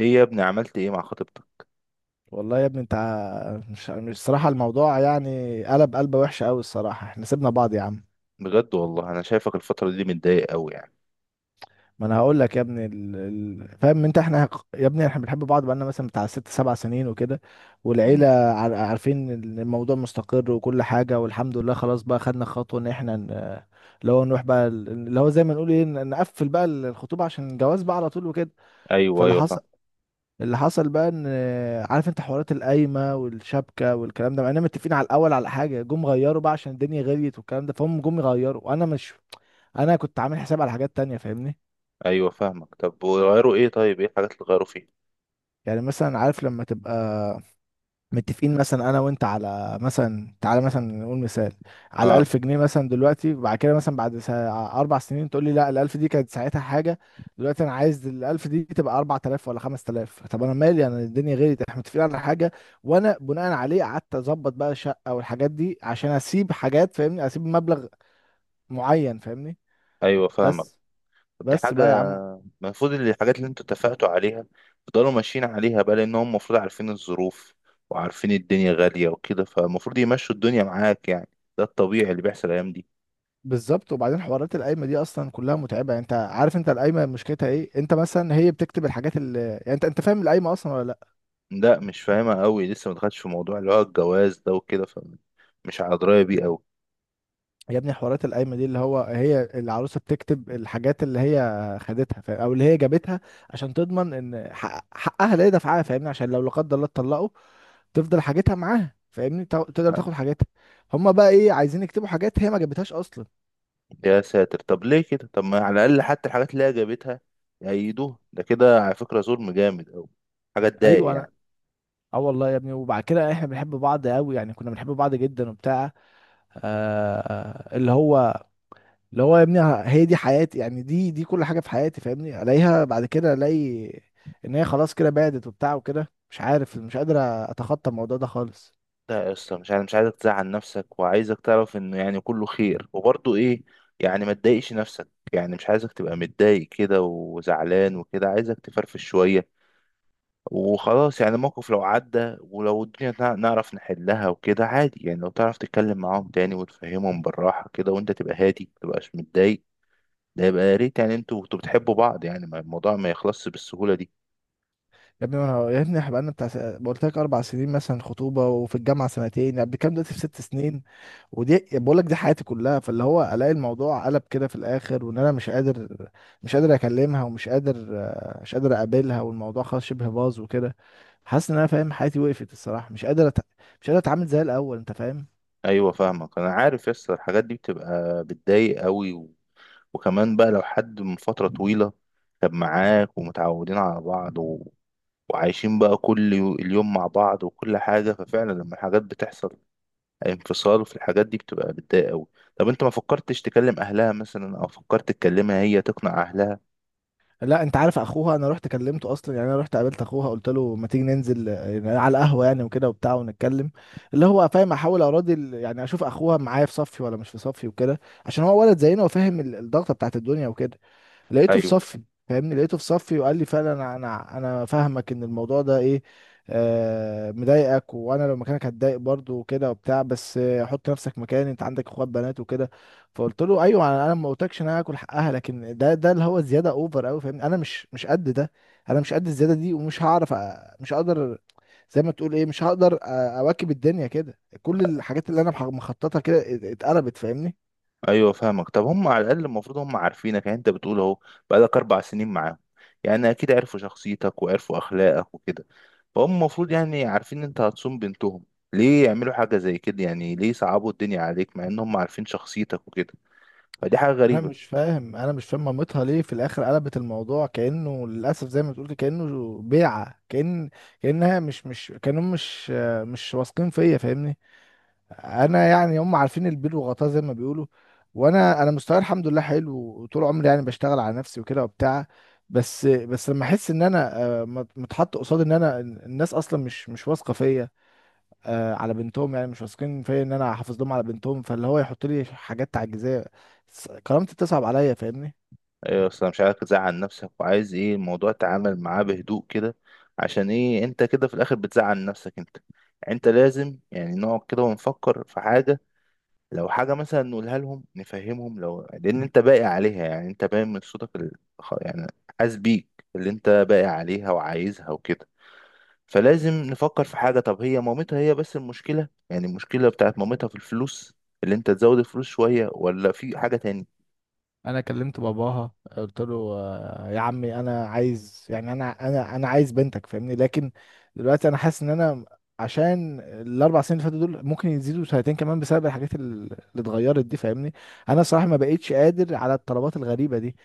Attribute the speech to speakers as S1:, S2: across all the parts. S1: ايه يا ابني، عملت ايه مع خطيبتك؟
S2: والله يا ابني، انت مش الصراحه الموضوع، يعني قلب، قلبه وحشه قوي الصراحه. احنا سيبنا بعض يا عم.
S1: بجد والله انا شايفك الفترة دي متضايق قوي يعني.
S2: ما انا هقول لك يا ابني فاهم انت؟ يا ابني احنا بنحب بعض بقالنا مثلا بتاع ست سبع سنين وكده. والعيله
S1: مم.
S2: عارفين ان الموضوع مستقر وكل حاجه والحمد لله. خلاص بقى، خدنا خطوه ان اللي هو نروح بقى اللي هو زي ما نقول ايه، نقفل بقى الخطوبه عشان الجواز بقى على طول وكده.
S1: ايوه،
S2: فاللي
S1: ايوه، فاهم.
S2: حصل، اللي حصل بقى ان... عارف انت حوارات القايمه والشبكه والكلام ده، مع اننا متفقين على الاول على حاجه، جم غيروا بقى عشان الدنيا غليت والكلام ده. فهم جم يغيروا، وانا مش... انا كنت عامل حساب على حاجات تانية، فاهمني؟
S1: ايوه فاهمك. طب وغيروا ايه؟ طيب ايه الحاجات اللي غيروا فيها؟
S2: يعني مثلا عارف لما تبقى متفقين مثلا انا وانت، على مثلا، تعالى مثلا نقول مثال، على
S1: اه.
S2: 1000 جنيه مثلا. دلوقتي بعد كده مثلا بعد 4 سنين تقول لي لا، الألف دي كانت ساعتها حاجة، دلوقتي انا عايز الألف دي تبقى 4000 ولا 5000. طب انا مالي؟ انا الدنيا غيرت؟ احنا متفقين على حاجة. وانا بناء عليه قعدت اظبط بقى شقة والحاجات دي عشان اسيب حاجات، فاهمني، اسيب مبلغ معين، فاهمني؟
S1: ايوه فاهمك.
S2: بس
S1: طب دي
S2: بس بقى يا
S1: حاجة
S2: عم.
S1: المفروض إن الحاجات اللي انتوا اتفقتوا عليها تفضلوا ماشيين عليها بقى، لان هم المفروض عارفين الظروف وعارفين الدنيا غالية وكده. فالمفروض يمشوا الدنيا معاك يعني. ده الطبيعي اللي بيحصل الايام دي.
S2: بالظبط. وبعدين حوارات القايمه دي اصلا كلها متعبه. يعني انت عارف، انت القايمه مشكلتها ايه؟ انت مثلا هي بتكتب الحاجات اللي يعني، انت فاهم القايمه اصلا ولا لا؟
S1: لا، مش فاهمها قوي. لسه ما دخلتش في موضوع اللي هو الجواز ده وكده، فمش على دراية بيه قوي.
S2: يا ابني، حوارات القايمه دي، اللي هو هي العروسه بتكتب الحاجات اللي هي خدتها، فاهم؟ او اللي هي جابتها، عشان تضمن ان حقها لا يدفعها، فاهمني؟ عشان لو لا قدر الله اتطلقوا، تفضل حاجتها معاها، فاهمني؟ تقدر تاخد حاجتها. هما بقى ايه عايزين يكتبوا حاجات هي ما جابتهاش اصلا؟
S1: يا ساتر! طب ليه كده؟ طب ما على الاقل حتى الحاجات اللي هي جابتها يأيدوها. ده كده على فكره ظلم جامد قوي. حاجه تضايق
S2: ايوه انا...
S1: يعني.
S2: اه والله يا ابني. وبعد كده احنا بنحب بعض قوي يعني، كنا بنحب بعض جدا وبتاع. آه، اللي هو، اللي هو يا ابني، هي دي حياتي يعني، دي كل حاجه في حياتي، فاهمني؟ الاقيها بعد كده، الاقي ان هي خلاص كده بعدت وبتاع وكده. مش عارف، مش قادر اتخطى الموضوع ده خالص.
S1: لا يا اسطى، مش عايزك تزعل نفسك، وعايزك تعرف انه يعني كله خير وبرضه ايه، يعني ما تضايقش نفسك. يعني مش عايزك تبقى متضايق كده وزعلان وكده، عايزك تفرفش شويه وخلاص. يعني الموقف لو عدى ولو الدنيا نعرف نحلها وكده عادي. يعني لو تعرف تتكلم معاهم تاني وتفهمهم بالراحه كده وانت تبقى هادي متبقاش متضايق، ده يبقى يا ريت. يعني انتوا كنتوا بتحبوا بعض يعني، الموضوع ما يخلصش بالسهولة دي.
S2: يا ابني، انا يا ابني احنا بقالنا بتاع قلت لك 4 سنين مثلا خطوبه، وفي الجامعه سنتين، يعني بنتكلم دلوقتي في 6 سنين. ودي بقول لك دي حياتي كلها. فاللي هو الاقي الموضوع قلب كده في الاخر، وان انا مش قادر، مش قادر اكلمها، ومش قادر مش قادر اقابلها، والموضوع خلاص شبه باظ وكده. حاسس ان انا فاهم حياتي وقفت الصراحه، مش قادر مش قادر اتعامل زي الاول، انت فاهم؟
S1: ايوه فاهمك، انا عارف يس الحاجات دي بتبقى بتضايق قوي. وكمان بقى لو حد من فترة طويلة كان معاك ومتعودين على بعض وعايشين بقى كل اليوم مع بعض وكل حاجة، ففعلا لما الحاجات بتحصل انفصال في الحاجات دي بتبقى بتضايق قوي. طب انت ما فكرتش تكلم اهلها مثلا، او فكرت تكلمها هي تقنع اهلها؟
S2: لا انت عارف اخوها، انا رحت كلمته اصلا. يعني انا رحت قابلت اخوها، قلت له ما تيجي ننزل، يعني على القهوه يعني وكده وبتاع، ونتكلم. اللي هو، فاهم، احاول اراضي ال- ، يعني اشوف اخوها معايا في صفي ولا مش في صفي وكده، عشان هو ولد زينا وفاهم الضغطه بتاعت الدنيا وكده. لقيته في
S1: ايوه،
S2: صفي، فاهمني، لقيته في صفي وقال لي فعلا انا فاهمك ان الموضوع ده ايه، آه، مضايقك، وانا لو مكانك هتضايق برضه وكده وبتاع. بس آه، حط نفسك مكاني، انت عندك اخوات بنات وكده. فقلت له ايوه، انا ما قلتلكش ان انا هاكل حقها، لكن ده اللي هو زياده اوفر قوي، فاهمني. انا مش قد ده، انا مش قد الزياده دي، ومش هعرف مش هقدر، زي ما تقول ايه، مش هقدر اواكب الدنيا كده. كل الحاجات اللي انا مخططها كده اتقلبت، فاهمني.
S1: ايوه، فاهمك. طب هم على الاقل المفروض هم عارفينك، يعني انت بتقول اهو، بقالك 4 سنين معاهم. يعني اكيد عرفوا شخصيتك وعرفوا اخلاقك وكده. فهم المفروض يعني عارفين ان انت هتصوم بنتهم. ليه يعملوا حاجه زي كده؟ يعني ليه يصعبوا الدنيا عليك مع ان هم عارفين شخصيتك وكده؟ فدي حاجه
S2: انا
S1: غريبه.
S2: مش فاهم انا مش فاهم مامتها ليه في الاخر قلبت الموضوع كانه للاسف، زي ما تقول كده، كانه بيعه. كان، كانها مش، كانهم مش واثقين فيا، فاهمني. انا يعني هم عارفين البيل وغطاه، زي ما بيقولوا. وانا مستواي الحمد لله حلو، وطول عمري يعني بشتغل على نفسي وكده وبتاع. بس لما احس ان انا آه، متحط قصاد ان انا الناس اصلا مش واثقه فيا آه، على بنتهم، يعني مش واثقين فيا ان انا احافظ لهم على بنتهم، فاللي هو يحط لي حاجات تعجيزيه، كرامتي بتصعب عليا، فاهمني.
S1: ايوه، اصل أنا مش عايزك تزعل نفسك، وعايز ايه، الموضوع تعامل معاه بهدوء كده. عشان ايه انت كده في الاخر بتزعل نفسك انت؟ يعني انت لازم يعني نقعد كده ونفكر في حاجه. لو حاجة مثلا نقولها لهم نفهمهم، لأن أنت باقي عليها، يعني أنت باين من صوتك يعني حاسس بيك اللي أنت باقي عليها وعايزها وكده. فلازم نفكر في حاجة. طب هي مامتها هي بس المشكلة، بتاعت مامتها في الفلوس، اللي أنت تزود الفلوس شوية ولا في حاجة تاني؟
S2: انا كلمت باباها، قلت له آه، يا عمي انا عايز، يعني انا عايز بنتك، فاهمني، لكن دلوقتي انا حاسس ان انا عشان ال4 سنين اللي فاتوا دول ممكن يزيدوا سنتين كمان بسبب الحاجات اللي اتغيرت دي، فاهمني. انا صراحه ما بقيتش قادر على الطلبات الغريبه دي.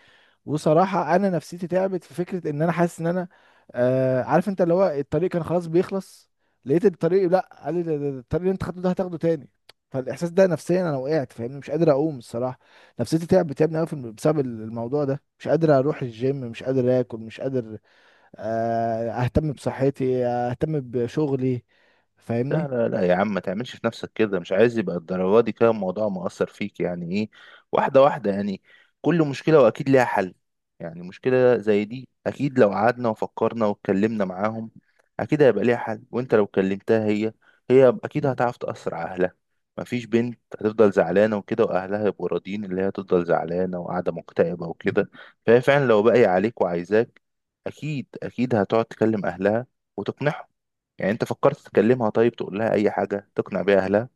S2: وصراحة أنا نفسيتي تعبت في فكرة إن أنا حاسس إن أنا آه، عارف أنت اللي هو الطريق كان خلاص بيخلص، لقيت الطريق لأ، قال لي ده ده الطريق اللي أنت خدته ده هتاخده تاني. فالإحساس ده نفسيا أنا وقعت، فاهمني، مش قادر أقوم الصراحة. نفسيتي تعبت، تعبني أوي في بسبب الموضوع ده، مش قادر أروح الجيم، مش قادر آكل، مش قادر آه، أهتم بصحتي آه، أهتم بشغلي،
S1: لا،
S2: فاهمني.
S1: لا، لا يا عم، ما تعملش في نفسك كده. مش عايز يبقى الدرجة دي كده الموضوع مؤثر فيك، يعني ايه؟ واحدة واحدة يعني. كل مشكلة وأكيد ليها حل. يعني مشكلة زي دي، أكيد لو قعدنا وفكرنا واتكلمنا معاهم أكيد هيبقى ليها حل. وأنت لو كلمتها هي أكيد هتعرف تأثر على أهلها. مفيش بنت هتفضل زعلانة وكده وأهلها يبقوا راضيين اللي هي تفضل زعلانة وقاعدة مكتئبة وكده. فهي فعلا لو باقية عليك وعايزاك، أكيد أكيد هتقعد تكلم أهلها وتقنعهم. يعني انت فكرت تكلمها؟ طيب تقول لها اي حاجة تقنع بيها اهلها.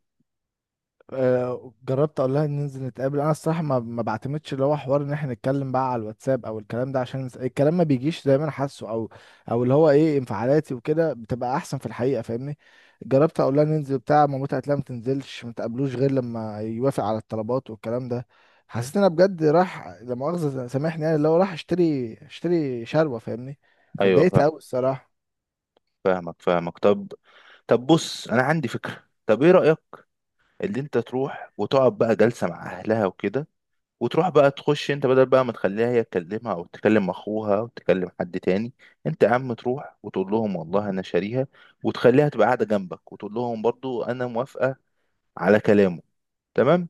S2: آه، جربت اقول لها ننزل نتقابل. انا الصراحه ما بعتمدش اللي هو حوار ان احنا نتكلم بقى على الواتساب او الكلام ده، عشان الكلام ما بيجيش زي ما انا حاسه، او اللي هو ايه، انفعالاتي وكده بتبقى احسن في الحقيقه، فاهمني. جربت اقول لها ننزل بتاع، مامتها قالت لها ما تنزلش، ما تقابلوش غير لما يوافق على الطلبات والكلام ده. حسيت ان انا بجد راح لا مؤاخذه سامحني، يعني اللي هو راح اشتري شربة، فاهمني.
S1: ايوه
S2: فاتضايقت
S1: فاهم.
S2: قوي الصراحه.
S1: فاهمك. طب بص انا عندي فكرة. طب ايه رأيك، اللي انت تروح وتقعد بقى جلسة مع اهلها وكده، وتروح بقى تخش انت بدل بقى ما تخليها هي تكلمها او تكلم اخوها او تكلم حد تاني. انت يا عم تروح وتقول لهم والله انا شاريها، وتخليها تبقى قاعدة جنبك وتقول لهم برضو انا موافقة على كلامه. تمام.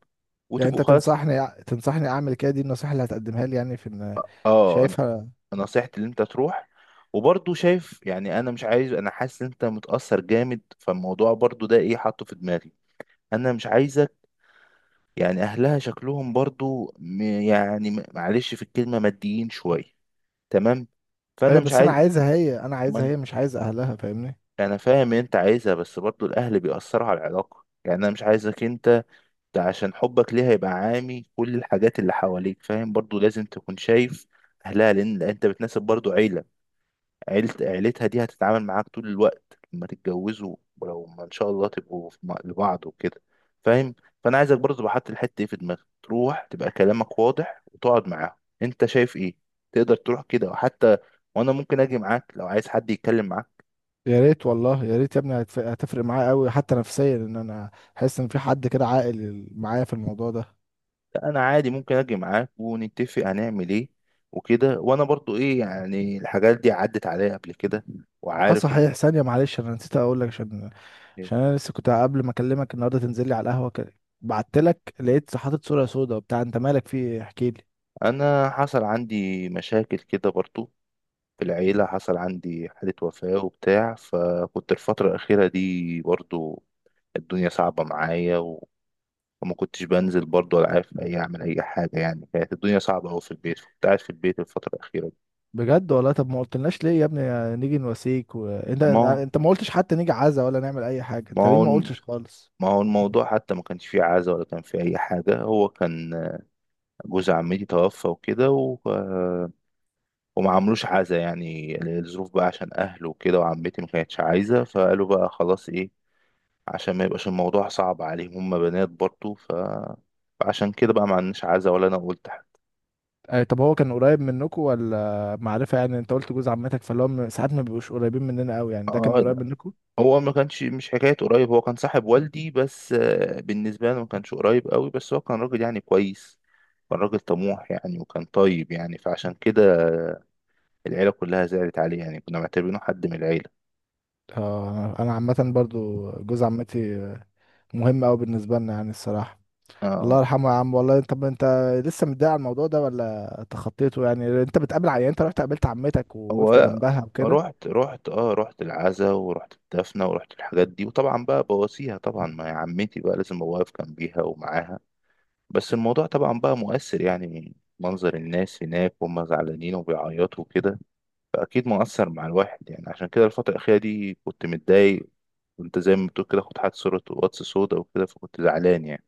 S2: يعني
S1: وتبقوا
S2: انت
S1: خلاص.
S2: تنصحني، اعمل كده؟ دي النصيحه اللي هتقدمها لي يعني في... إن-
S1: اه،
S2: شايفها؟
S1: نصيحتي اللي انت تروح. وبرضه شايف، يعني انا مش عايز، انا حاسس ان انت متأثر جامد فالموضوع برضه ده ايه حاطه في دماغي. انا مش عايزك، يعني اهلها شكلهم برضه معلش في الكلمة ماديين شوية، تمام؟ فانا
S2: ايوه
S1: مش
S2: بس انا
S1: عايز.
S2: عايزها هي،
S1: ما انا
S2: مش عايز اهلها، فاهمني.
S1: أنا فاهم ان انت عايزها، بس برضه الاهل بيأثروا على العلاقة، يعني انا مش عايزك انت ده عشان حبك ليها يبقى عامي كل الحاجات اللي حواليك. فاهم؟ برضه لازم تكون شايف اهلها لان انت بتناسب برضه عيلة، عيلتها دي هتتعامل معاك طول الوقت لما تتجوزوا. ولو ما ان شاء الله تبقوا في لبعض وكده، فاهم؟ فانا عايزك برضه تبقى حاطط الحته دي في دماغك. تروح تبقى كلامك واضح وتقعد معاهم انت شايف ايه. تقدر تروح كده وحتى وانا ممكن اجي معاك لو عايز حد يتكلم معاك.
S2: يا ريت والله، يا ريت يا ابني، هتفرق معايا قوي، حتى نفسيا، ان انا احس ان في حد كده عاقل معايا في الموضوع ده.
S1: لا، انا عادي ممكن اجي معاك ونتفق هنعمل ايه وكده، وانا برضو ايه يعني، الحاجات دي عدت عليا قبل كده
S2: اه
S1: وعارف.
S2: صحيح، ثانيه معلش، انا نسيت اقول لك. عشان انا لسه كنت قبل ما اكلمك النهارده تنزل لي على القهوه كده، بعت لك، لقيت حاطط صوره سودا وبتاع. انت مالك في ايه؟ احكي لي.
S1: انا حصل عندي مشاكل كده برضو. في العيلة حصل عندي حالة وفاة وبتاع، فكنت الفترة الأخيرة دي برضو الدنيا صعبة معايا، وما كنتش بنزل برضو ولا عارف أعمل أي حاجة. يعني كانت الدنيا صعبة أوي في البيت، فكنت قاعد في البيت الفترة الأخيرة دي.
S2: بجد والله؟ طب ما قلتلناش ليه يا ابني نيجي نواسيك؟ وانت
S1: ما
S2: انت أنت ما قلتش حتى نيجي عزا ولا نعمل اي حاجه. انت
S1: ما
S2: ليه
S1: هو
S2: ما
S1: الم-
S2: قلتش خالص؟
S1: ما هو الموضوع حتى ما كانش فيه عزا ولا كان فيه أي حاجة. هو كان جوز عمتي توفى وكده، وما عملوش عزا يعني. الظروف بقى عشان أهله وكده، وعمتي ما كانتش عايزة فقالوا بقى خلاص إيه، عشان ما يبقاش الموضوع صعب عليهم، هم بنات برضه، فعشان كده بقى ما عندناش عزا ولا انا قلت حاجه.
S2: أي، طب هو كان قريب منكم ولا معرفة؟ يعني انت قلت جوز عمتك، فاللي هو ساعات ما بيبقوش قريبين مننا قوي، يعني ده
S1: اه،
S2: كان قريب
S1: لا.
S2: منكم؟
S1: هو ما كانش مش حكايه قريب، هو كان صاحب والدي بس، بالنسبه لنا ما كانش قريب قوي، بس هو كان راجل يعني كويس، كان راجل طموح يعني، وكان طيب يعني. فعشان كده العيله كلها زعلت عليه يعني، كنا معتبرينه حد من العيله.
S2: اه، انا عامة برضو جوز عمتي آه، مهم قوي بالنسبة لنا يعني الصراحة. الله
S1: اه،
S2: يرحمه يا عم والله. طب انت لسه متضايق على الموضوع ده ولا تخطيته؟ يعني انت بتقابل يعني انت رحت قابلت عمتك
S1: هو
S2: ووقفت
S1: لا،
S2: جنبها وكده؟
S1: رحت العزا ورحت الدفنه ورحت الحاجات دي، وطبعا بقى بواسيها طبعا. ما هي عمتي بقى، لازم ابقى واقف جنبيها ومعاها. بس الموضوع طبعا بقى مؤثر يعني، منظر الناس هناك وهم زعلانين وبيعيطوا وكده فأكيد مؤثر مع الواحد يعني. عشان كده الفترة الأخيرة دي كنت متضايق، كنت زي ما بتقول كده كنت حاطط صورة واتس سودا وكده، فكنت زعلان يعني.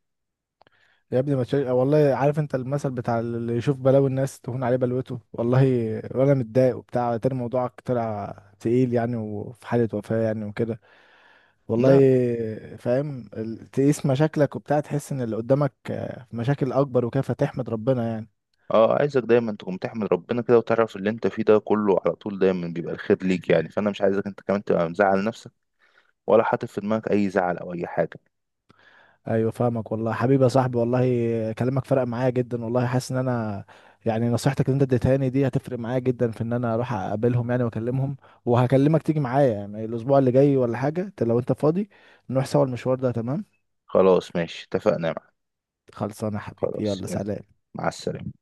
S2: يا ابني ما تشيل، والله عارف انت المثل بتاع اللي يشوف بلاوي الناس تهون عليه بلوته والله. وانا متضايق وبتاع، تاني موضوعك طلع تقيل يعني، وفي حالة وفاة يعني وكده. والله
S1: ده
S2: فاهم تقيس مشاكلك وبتاع، تحس ان اللي قدامك آه، مشاكل اكبر وكده، فتحمد ربنا يعني.
S1: اه، عايزك دايما تقوم تحمد ربنا كده وتعرف اللي انت فيه ده كله على طول دايما بيبقى الخير ليك يعني. فانا مش عايزك انت كمان تبقى مزعل نفسك، ولا حاطط في دماغك اي زعل او اي حاجة.
S2: ايوه فاهمك والله. حبيبي يا صاحبي والله، كلامك فرق معايا جدا والله، حاسس ان انا يعني نصيحتك اللي انت اديتها لي دي هتفرق معايا جدا في ان انا اروح اقابلهم يعني واكلمهم. وهكلمك تيجي معايا يعني الاسبوع اللي جاي ولا حاجه، انت لو انت فاضي نروح سوا المشوار ده، تمام؟
S1: خلاص ماشي، اتفقنا يا معلم.
S2: خلصانه يا حبيبي،
S1: خلاص
S2: يلا
S1: يلا،
S2: سلام.
S1: مع السلامة.